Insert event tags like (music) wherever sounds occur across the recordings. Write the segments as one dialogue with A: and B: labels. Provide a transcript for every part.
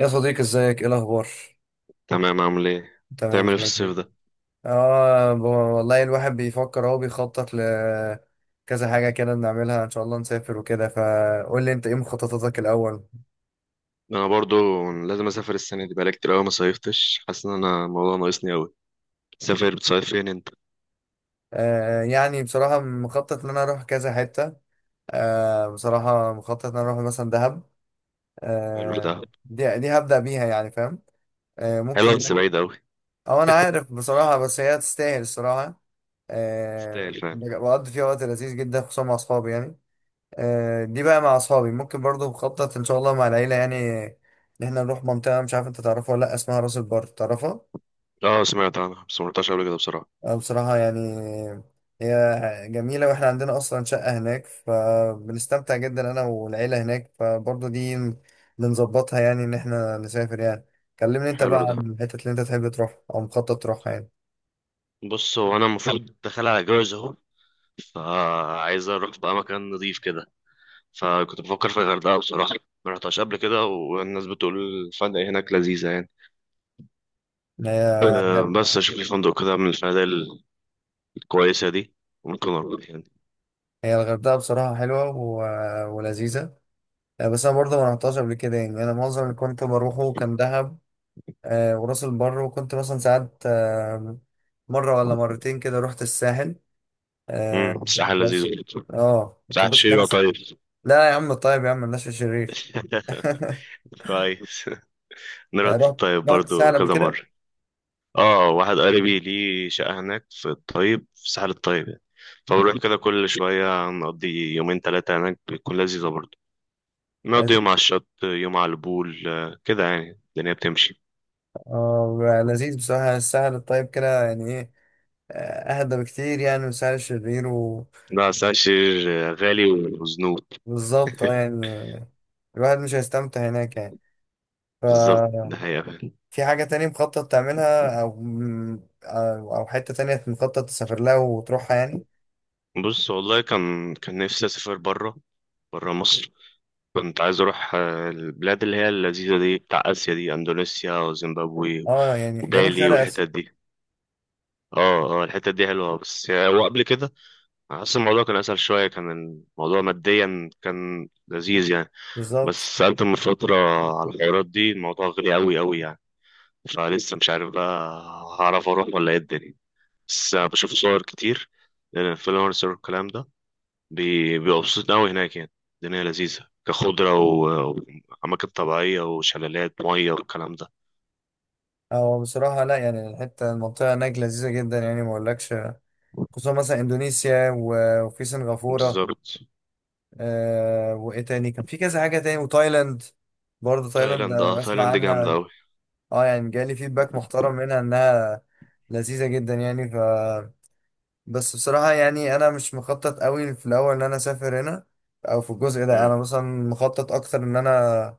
A: يا صديقي، ازيك؟ ايه الاخبار؟
B: تمام، عامل ايه؟
A: تمام،
B: تعمل ايه في
A: زي الفل.
B: الصيف ده؟
A: والله الواحد بيفكر اهو، بيخطط لكذا حاجه كده نعملها ان شاء الله، نسافر وكده، فقول لي انت ايه مخططاتك الاول؟
B: انا برضو لازم اسافر السنه دي، بقالي كتير قوي ما صيفتش. حاسس ان انا الموضوع ناقصني قوي. تسافر بتصيف فين انت؟
A: يعني بصراحه مخطط ان انا اروح كذا حته. بصراحه مخطط ان انا اروح مثلا دهب.
B: حلو ده.
A: دي هبدا بيها يعني، فاهم؟
B: حلو
A: ممكن بقى،
B: بس
A: ايه؟
B: بعيد قوي.
A: اه انا عارف بصراحه، بس هي تستاهل الصراحه. آه
B: تستاهل فعلا.
A: بقضي فيها وقت لذيذ جدا، خصوصا مع اصحابي يعني. دي بقى مع اصحابي، ممكن برضو بخطط ان شاء الله مع العيله يعني، ان احنا نروح منطقه، مش عارف انت تعرفها ولا لا، اسمها راس البر، تعرفها؟
B: اه، سمعت عنها بس ما رحتهاش قبل كده بصراحه.
A: أنا بصراحه يعني، هي جميله واحنا عندنا اصلا شقه هناك، فبنستمتع جدا انا والعيله هناك، فبرضو دي بنظبطها يعني، ان احنا نسافر يعني. كلمني انت بقى
B: حلو ده.
A: عن الحتت اللي انت تحب تروح او مخطط تروحها يعني.
B: بص، هو انا المفروض داخل على جواز اهو، فعايز اروح بقى مكان نضيف كده. فكنت بفكر في الغردقه بصراحه، ما رحتهاش قبل كده والناس بتقول الفنادق هناك لذيذه يعني.
A: هي
B: أه، بس اشوف لي فندق كده من الفنادق الكويسه دي، ممكن اروح يعني.
A: هي الغردقه بصراحه حلوه و... ولذيذه. بس انا برضه ما رحتهاش قبل كده، يعني انا معظم اللي كنت بروحه كان دهب، وراس البر، وكنت مثلا ساعات، مرة ولا مرتين كده رحت الساحل.
B: الساحل لذيذ
A: بس
B: برضه.
A: اه كان،
B: ساحل
A: بس كان.
B: شيرة طيب.
A: لا يا عم، طيب يا عم، مالناش شرير. (laughs)
B: (laughs) كويس. نروح
A: رحت
B: الطيب
A: رحت
B: برضو
A: الساحل قبل
B: كذا مرة.
A: كده.
B: اه، واحد قريبي ليه شقة هناك في الطيب، في ساحل الطيب يعني. فبنروح كده كل (laughs) شوية، نقضي يومين تلاتة هناك بتكون لذيذة برضو. نقضي
A: لذيذ.
B: يوم على الشط يوم على البول، كده يعني الدنيا بتمشي.
A: اه لذيذ بصراحة، الساحل الطيب كده يعني ايه، اهدى بكتير يعني من الساحل الشرير.
B: لا، ساحل شرير غالي وزنوط.
A: وبالظبط، يعني الواحد مش هيستمتع هناك يعني.
B: بالظبط، ده
A: ففي
B: حقيقة فعلا.
A: حاجة تانية مخطط تعملها، أو أو حتة تانية مخطط تسافر لها وتروحها يعني؟
B: بص، والله كان نفسي أسافر برا، برا مصر. كنت عايز اروح البلاد اللي هي اللذيذه دي بتاع اسيا دي، اندونيسيا وزيمبابوي
A: اه يعني جنوب
B: وبالي
A: شرق اسيا.
B: والحتت دي. اه اه، الحتت دي حلوه بس هو قبل كده حاسس الموضوع كان اسهل شويه، كان الموضوع ماديا كان لذيذ يعني.
A: بالظبط.
B: بس سالت من فتره على الحوارات دي، الموضوع غالي قوي قوي يعني. فلسه مش عارف بقى هعرف اروح ولا ايه الدنيا. بس بشوف صور كتير، الانفلونسر والكلام ده بيبقى مبسوط قوي هناك يعني. الدنيا لذيذة كخضرة وأماكن طبيعية وشلالات مية والكلام ده.
A: اه بصراحه لا يعني، الحته المنطقه هناك لذيذه جدا يعني، ما اقولكش. خصوصا مثلا اندونيسيا وفي سنغافوره.
B: بالظبط.
A: وايه تاني، كان في كذا حاجه تاني، وتايلاند. برضه تايلاند انا بسمع
B: تايلاند جامدة
A: عنها.
B: أوي.
A: اه يعني جالي فيدباك محترم منها، انها لذيذه جدا يعني، ف بس بصراحه يعني، انا مش مخطط قوي في الاول ان انا اسافر هنا، او في الجزء ده. انا
B: مم.
A: مثلا مخطط اكتر ان انا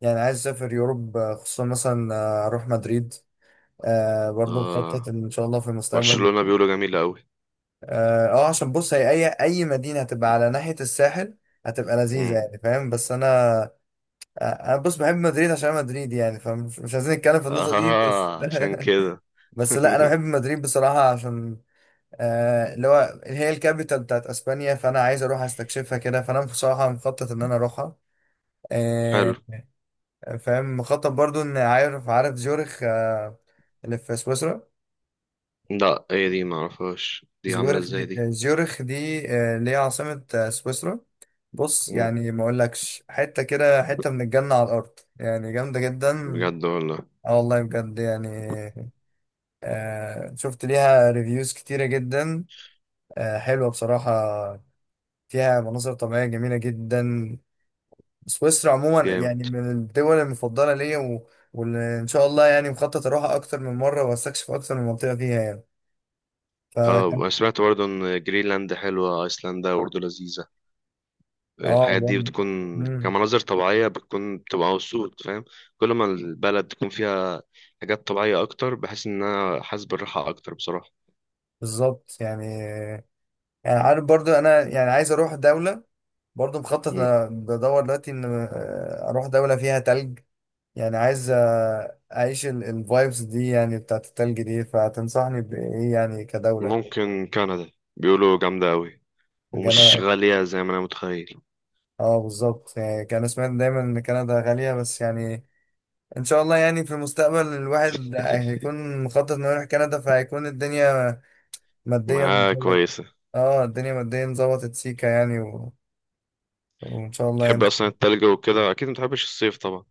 A: يعني عايز اسافر يوروب، خصوصا مثلا اروح مدريد. برضه مخطط
B: اه،
A: ان شاء الله في المستقبل.
B: برشلونة بيقولوا جميلة أوي.
A: عشان بص، هي اي مدينه هتبقى على ناحيه الساحل هتبقى لذيذه
B: مم.
A: يعني، فاهم؟ بس انا، انا بص بحب مدريد عشان أنا مدريد يعني، فمش مش عايزين نتكلم في النقطه دي بس.
B: اه، عشان كده.
A: (laughs) بس لا، انا
B: (laughs)
A: بحب مدريد بصراحه عشان اللي هو هي الكابيتال بتاعت اسبانيا، فانا عايز اروح استكشفها كده، فانا بصراحه مخطط ان انا اروحها.
B: حلو.
A: آه، فاهم، مخطط برضو، ان عارف زيورخ، اللي في سويسرا.
B: لا، ايه دي؟ معرفهاش دي، عاملة
A: زيورخ
B: ازاي
A: دي
B: دي؟
A: زيورخ دي اللي هي عاصمة سويسرا، بص
B: مم.
A: يعني ما اقولكش، حتة كده، حتة من الجنة على الأرض يعني، جامدة جدا.
B: بجد والله.
A: اه والله بجد يعني، شفت ليها ريفيوز كتيرة جدا، حلوة بصراحة. فيها مناظر طبيعية جميلة جدا. سويسرا عموما
B: جامد.
A: يعني من الدول المفضلة ليا، و... واللي إن شاء الله يعني مخطط أروحها أكتر من مرة وأستكشف أكتر من منطقة فيها يعني. فكان
B: اه، سمعت برضه ان جرينلاند حلوة، ايسلندا برضه لذيذة.
A: اه
B: الحاجات دي بتكون
A: مم.
B: كمناظر طبيعية، بتبقى مبسوط فاهم. كل ما البلد تكون فيها حاجات طبيعية أكتر، بحس إن أنا حاسس بالراحة أكتر بصراحة.
A: بالظبط يعني. يعني عارف برضو انا، يعني عايز اروح دولة، برضو مخطط،
B: مم.
A: انا بدور دلوقتي ان اروح دولة فيها تلج. يعني عايز اعيش الفايبس دي يعني بتاعت التلج دي، فتنصحني بايه يعني كدولة؟
B: ممكن كندا، بيقولوا جامدة أوي ومش
A: كان
B: غالية زي ما أنا متخيل.
A: اه بالظبط يعني، كان سمعت دايما ان كندا غالية، بس يعني ان شاء الله يعني في المستقبل الواحد هيكون مخطط انه يروح كندا، فهيكون الدنيا ماديا
B: معاها
A: ظبط.
B: كويسة.
A: اه الدنيا ماديا ظبطت سيكا يعني، و... وان شاء الله
B: تحب
A: يعني.
B: أصلا التلج وكده، أكيد متحبش الصيف طبعا.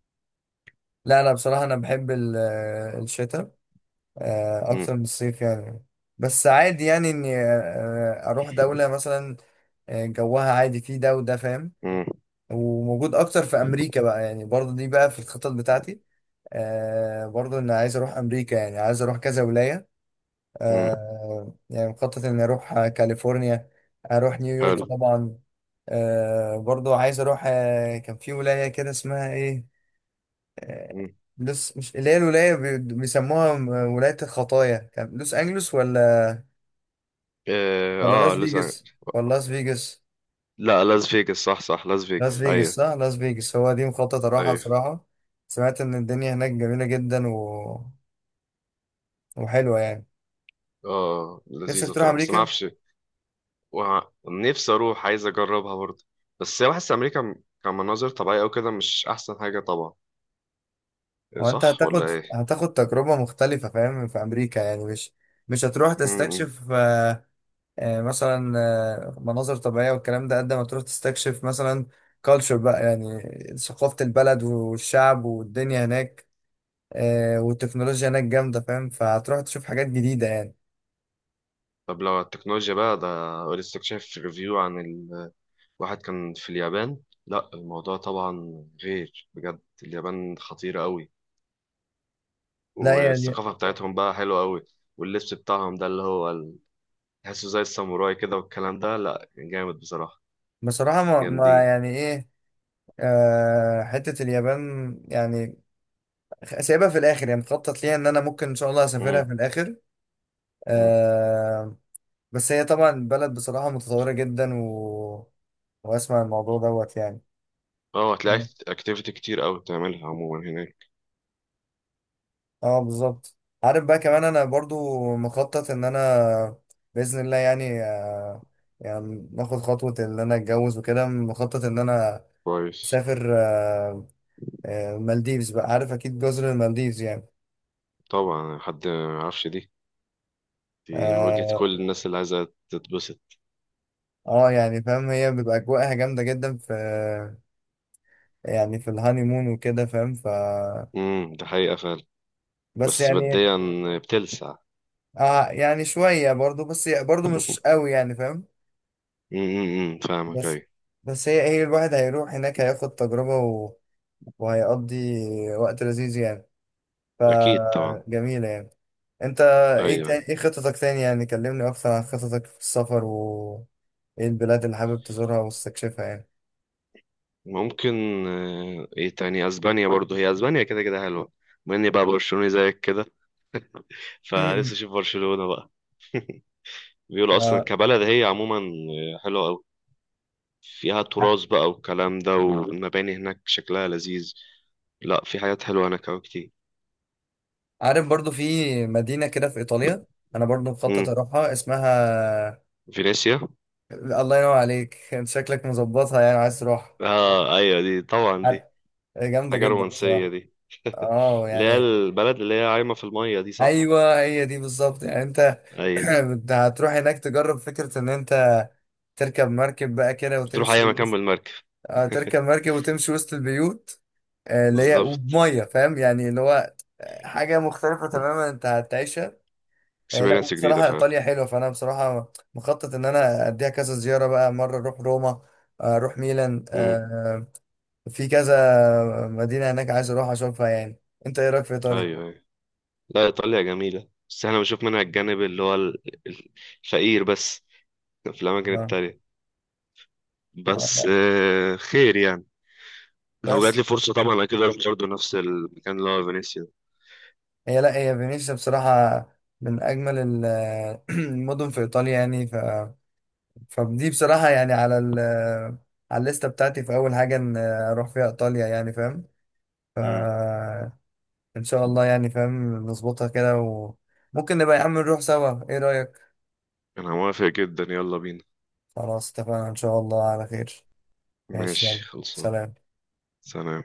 A: لا انا بصراحه، انا بحب الشتاء،
B: مم.
A: اكتر من الصيف يعني. بس عادي يعني اني اروح دوله مثلا جوها عادي، فيه ده وده، فاهم.
B: مم.
A: وموجود اكتر في امريكا بقى، يعني برضه دي بقى في الخطط بتاعتي. برضه انا عايز اروح امريكا، يعني عايز اروح كذا ولايه.
B: مم.
A: يعني مخطط اني اروح كاليفورنيا، اروح نيويورك
B: حلو.
A: طبعا. برضه عايز اروح، كان في ولايه كده اسمها ايه، آه،
B: مم.
A: لوس، مش اللي هي الولاية بيسموها ولاية الخطايا، كان لوس أنجلوس ولا
B: آه,
A: ولا
B: آه
A: لاس
B: لسه.
A: فيجاس ولا لاس فيجاس؟
B: لا، لاس فيجاس صح صح، لاس
A: لاس
B: فيجاس.
A: فيجاس،
B: أيوه.
A: صح، لاس فيجاس هو دي مخطط أروحها
B: أيوه.
A: بصراحة. سمعت إن الدنيا هناك جميلة جدا و... وحلوة يعني.
B: آه،
A: نفسك
B: لذيذة
A: تروح
B: بصراحة بس ما
A: أمريكا.
B: أعرفش. ونفسي اروح، عايز اجربها برضه. بس هي بحس امريكا كمناظر طبيعيه او كده مش احسن حاجه طبعا. إيه،
A: هو أنت
B: صح ولا
A: هتاخد
B: ايه؟
A: هتاخد تجربة مختلفة فاهم، في أمريكا يعني مش هتروح
B: امم
A: تستكشف، مثلا مناظر طبيعية والكلام ده، قد ما تروح تستكشف مثلا كالتشر بقى يعني، ثقافة البلد والشعب والدنيا هناك. والتكنولوجيا هناك جامدة، فاهم، فهتروح تشوف حاجات جديدة يعني.
B: طب لو على التكنولوجيا بقى، ده لسه شايف ريفيو عن واحد كان في اليابان. لا، الموضوع طبعا غير، بجد اليابان خطيره قوي.
A: لا يعني
B: والثقافه بتاعتهم بقى حلوه قوي، واللبس بتاعهم ده اللي هو تحسه زي الساموراي كده والكلام ده. لا جامد بصراحه،
A: بصراحة ما
B: جامدين.
A: يعني ايه، حتة اليابان يعني سايبها في الآخر يعني، مخطط ليها إن أنا ممكن إن شاء الله أسافرها
B: امم.
A: في الآخر.
B: امم.
A: آه، بس هي طبعا بلد بصراحة متطورة جدا، و... وأسمع الموضوع دوت يعني.
B: اه، هتلاقي اكتيفيتي كتير قوي بتعملها عموما هناك.
A: اه بالظبط. عارف بقى كمان، انا برضو مخطط ان انا باذن الله يعني، يعني ناخد خطوه ان انا اتجوز وكده، مخطط ان انا
B: كويس.
A: اسافر مالديفز بقى، عارف اكيد جزر المالديفز يعني.
B: طبعا حد ما يعرفش دي، دي واجهة
A: اه
B: كل الناس اللي عايزة تتبسط.
A: يعني فاهم، هي بيبقى اجواءها جامده جدا في، يعني في الهانيمون وكده، فاهم؟ ف
B: ده حقيقة فعلا.
A: بس
B: بس
A: يعني
B: بديا بتلسع.
A: يعني شويه برضو، بس برضو مش
B: (laughs)
A: قوي يعني، فاهم.
B: فاهمك،
A: بس
B: ايوه.
A: بس هي الواحد هيروح هناك هياخد تجربة، وهيقضي وقت لذيذ يعني،
B: اكيد طبعا.
A: فجميلة يعني. انت ايه
B: ايوه.
A: تاني؟ ايه خططك تاني؟ يعني كلمني اكتر عن خططك في السفر و ايه البلاد اللي حابب تزورها واستكشفها يعني.
B: ممكن ايه تاني؟ اسبانيا برضو، هي اسبانيا كده كده حلوة. بما اني بقى برشلوني زيك كده، فلسه اشوف
A: (laughs)
B: برشلونة بقى. بيقولوا اصلا
A: آه،
B: كبلد هي عموما حلوة قوي. فيها تراث بقى والكلام ده، والمباني هناك شكلها لذيذ. لا، في حاجات حلوة هناك أوي كتير.
A: عارف برضو في مدينة كده في إيطاليا، أنا برضو مخطط
B: امم
A: أروحها، اسمها،
B: فينيسيا.
A: الله ينور عليك. (laughs) أنت شكلك مظبطها، يعني عايز تروح.
B: اه ايوه، دي طبعا
A: عارف-
B: دي
A: جامدة
B: حاجة
A: جدا
B: رومانسية
A: بصراحة.
B: دي. (laughs)
A: اه
B: اللي هي
A: يعني
B: البلد اللي هي عايمة في المية دي، صح؟
A: ايوه، هي دي بالظبط يعني. انت، (clears throat)
B: ايوه.
A: انت هتروح هناك تجرب فكره ان انت تركب مركب بقى كده
B: بتروح اي
A: وتمشي
B: مكان
A: وسط،
B: بالمركب.
A: تركب
B: (laughs)
A: مركب وتمشي وسط البيوت، اللي هي
B: بالظبط.
A: وبميه، فاهم يعني، اللي هو حاجه مختلفه تماما انت هتعيشها. لا
B: اكسبيرينس جديدة
A: وبصراحه
B: فعلا.
A: ايطاليا حلوه، فانا بصراحه مخطط ان انا اديها كذا زياره بقى، مره اروح روما، اروح ميلان،
B: امم
A: في كذا مدينه هناك عايز اروح اشوفها يعني. انت ايه رايك في ايطاليا؟
B: ايوه ايوه. لا، ايطاليا جميلة بس احنا بنشوف منها الجانب اللي هو ال- الفقير بس في الاماكن
A: آه.
B: التانية. بس
A: لا.
B: (laughs) آه، خير يعني. لو جات
A: بس،
B: لي فرصة طبعا اكيد اروح برضه نفس المكان اللي هو فينيسيا.
A: هي، لا، هي فينيسيا بصراحة من أجمل (clears throat) المدن في إيطاليا يعني، ف... فدي بصراحة يعني على الليستة بتاعتي، في أول حاجة إن أروح فيها إيطاليا يعني، فاهم؟ ف
B: امم
A: إن شاء الله يعني، فاهم، نظبطها كده، وممكن نبقى يا عم نروح سوا، إيه رأيك؟
B: انا موافق جدا، يلا بينا.
A: خلاص، اتفقنا، إن شاء الله على خير. ماشي،
B: ماشي
A: يلا.
B: خلصان.
A: سلام.
B: سلام.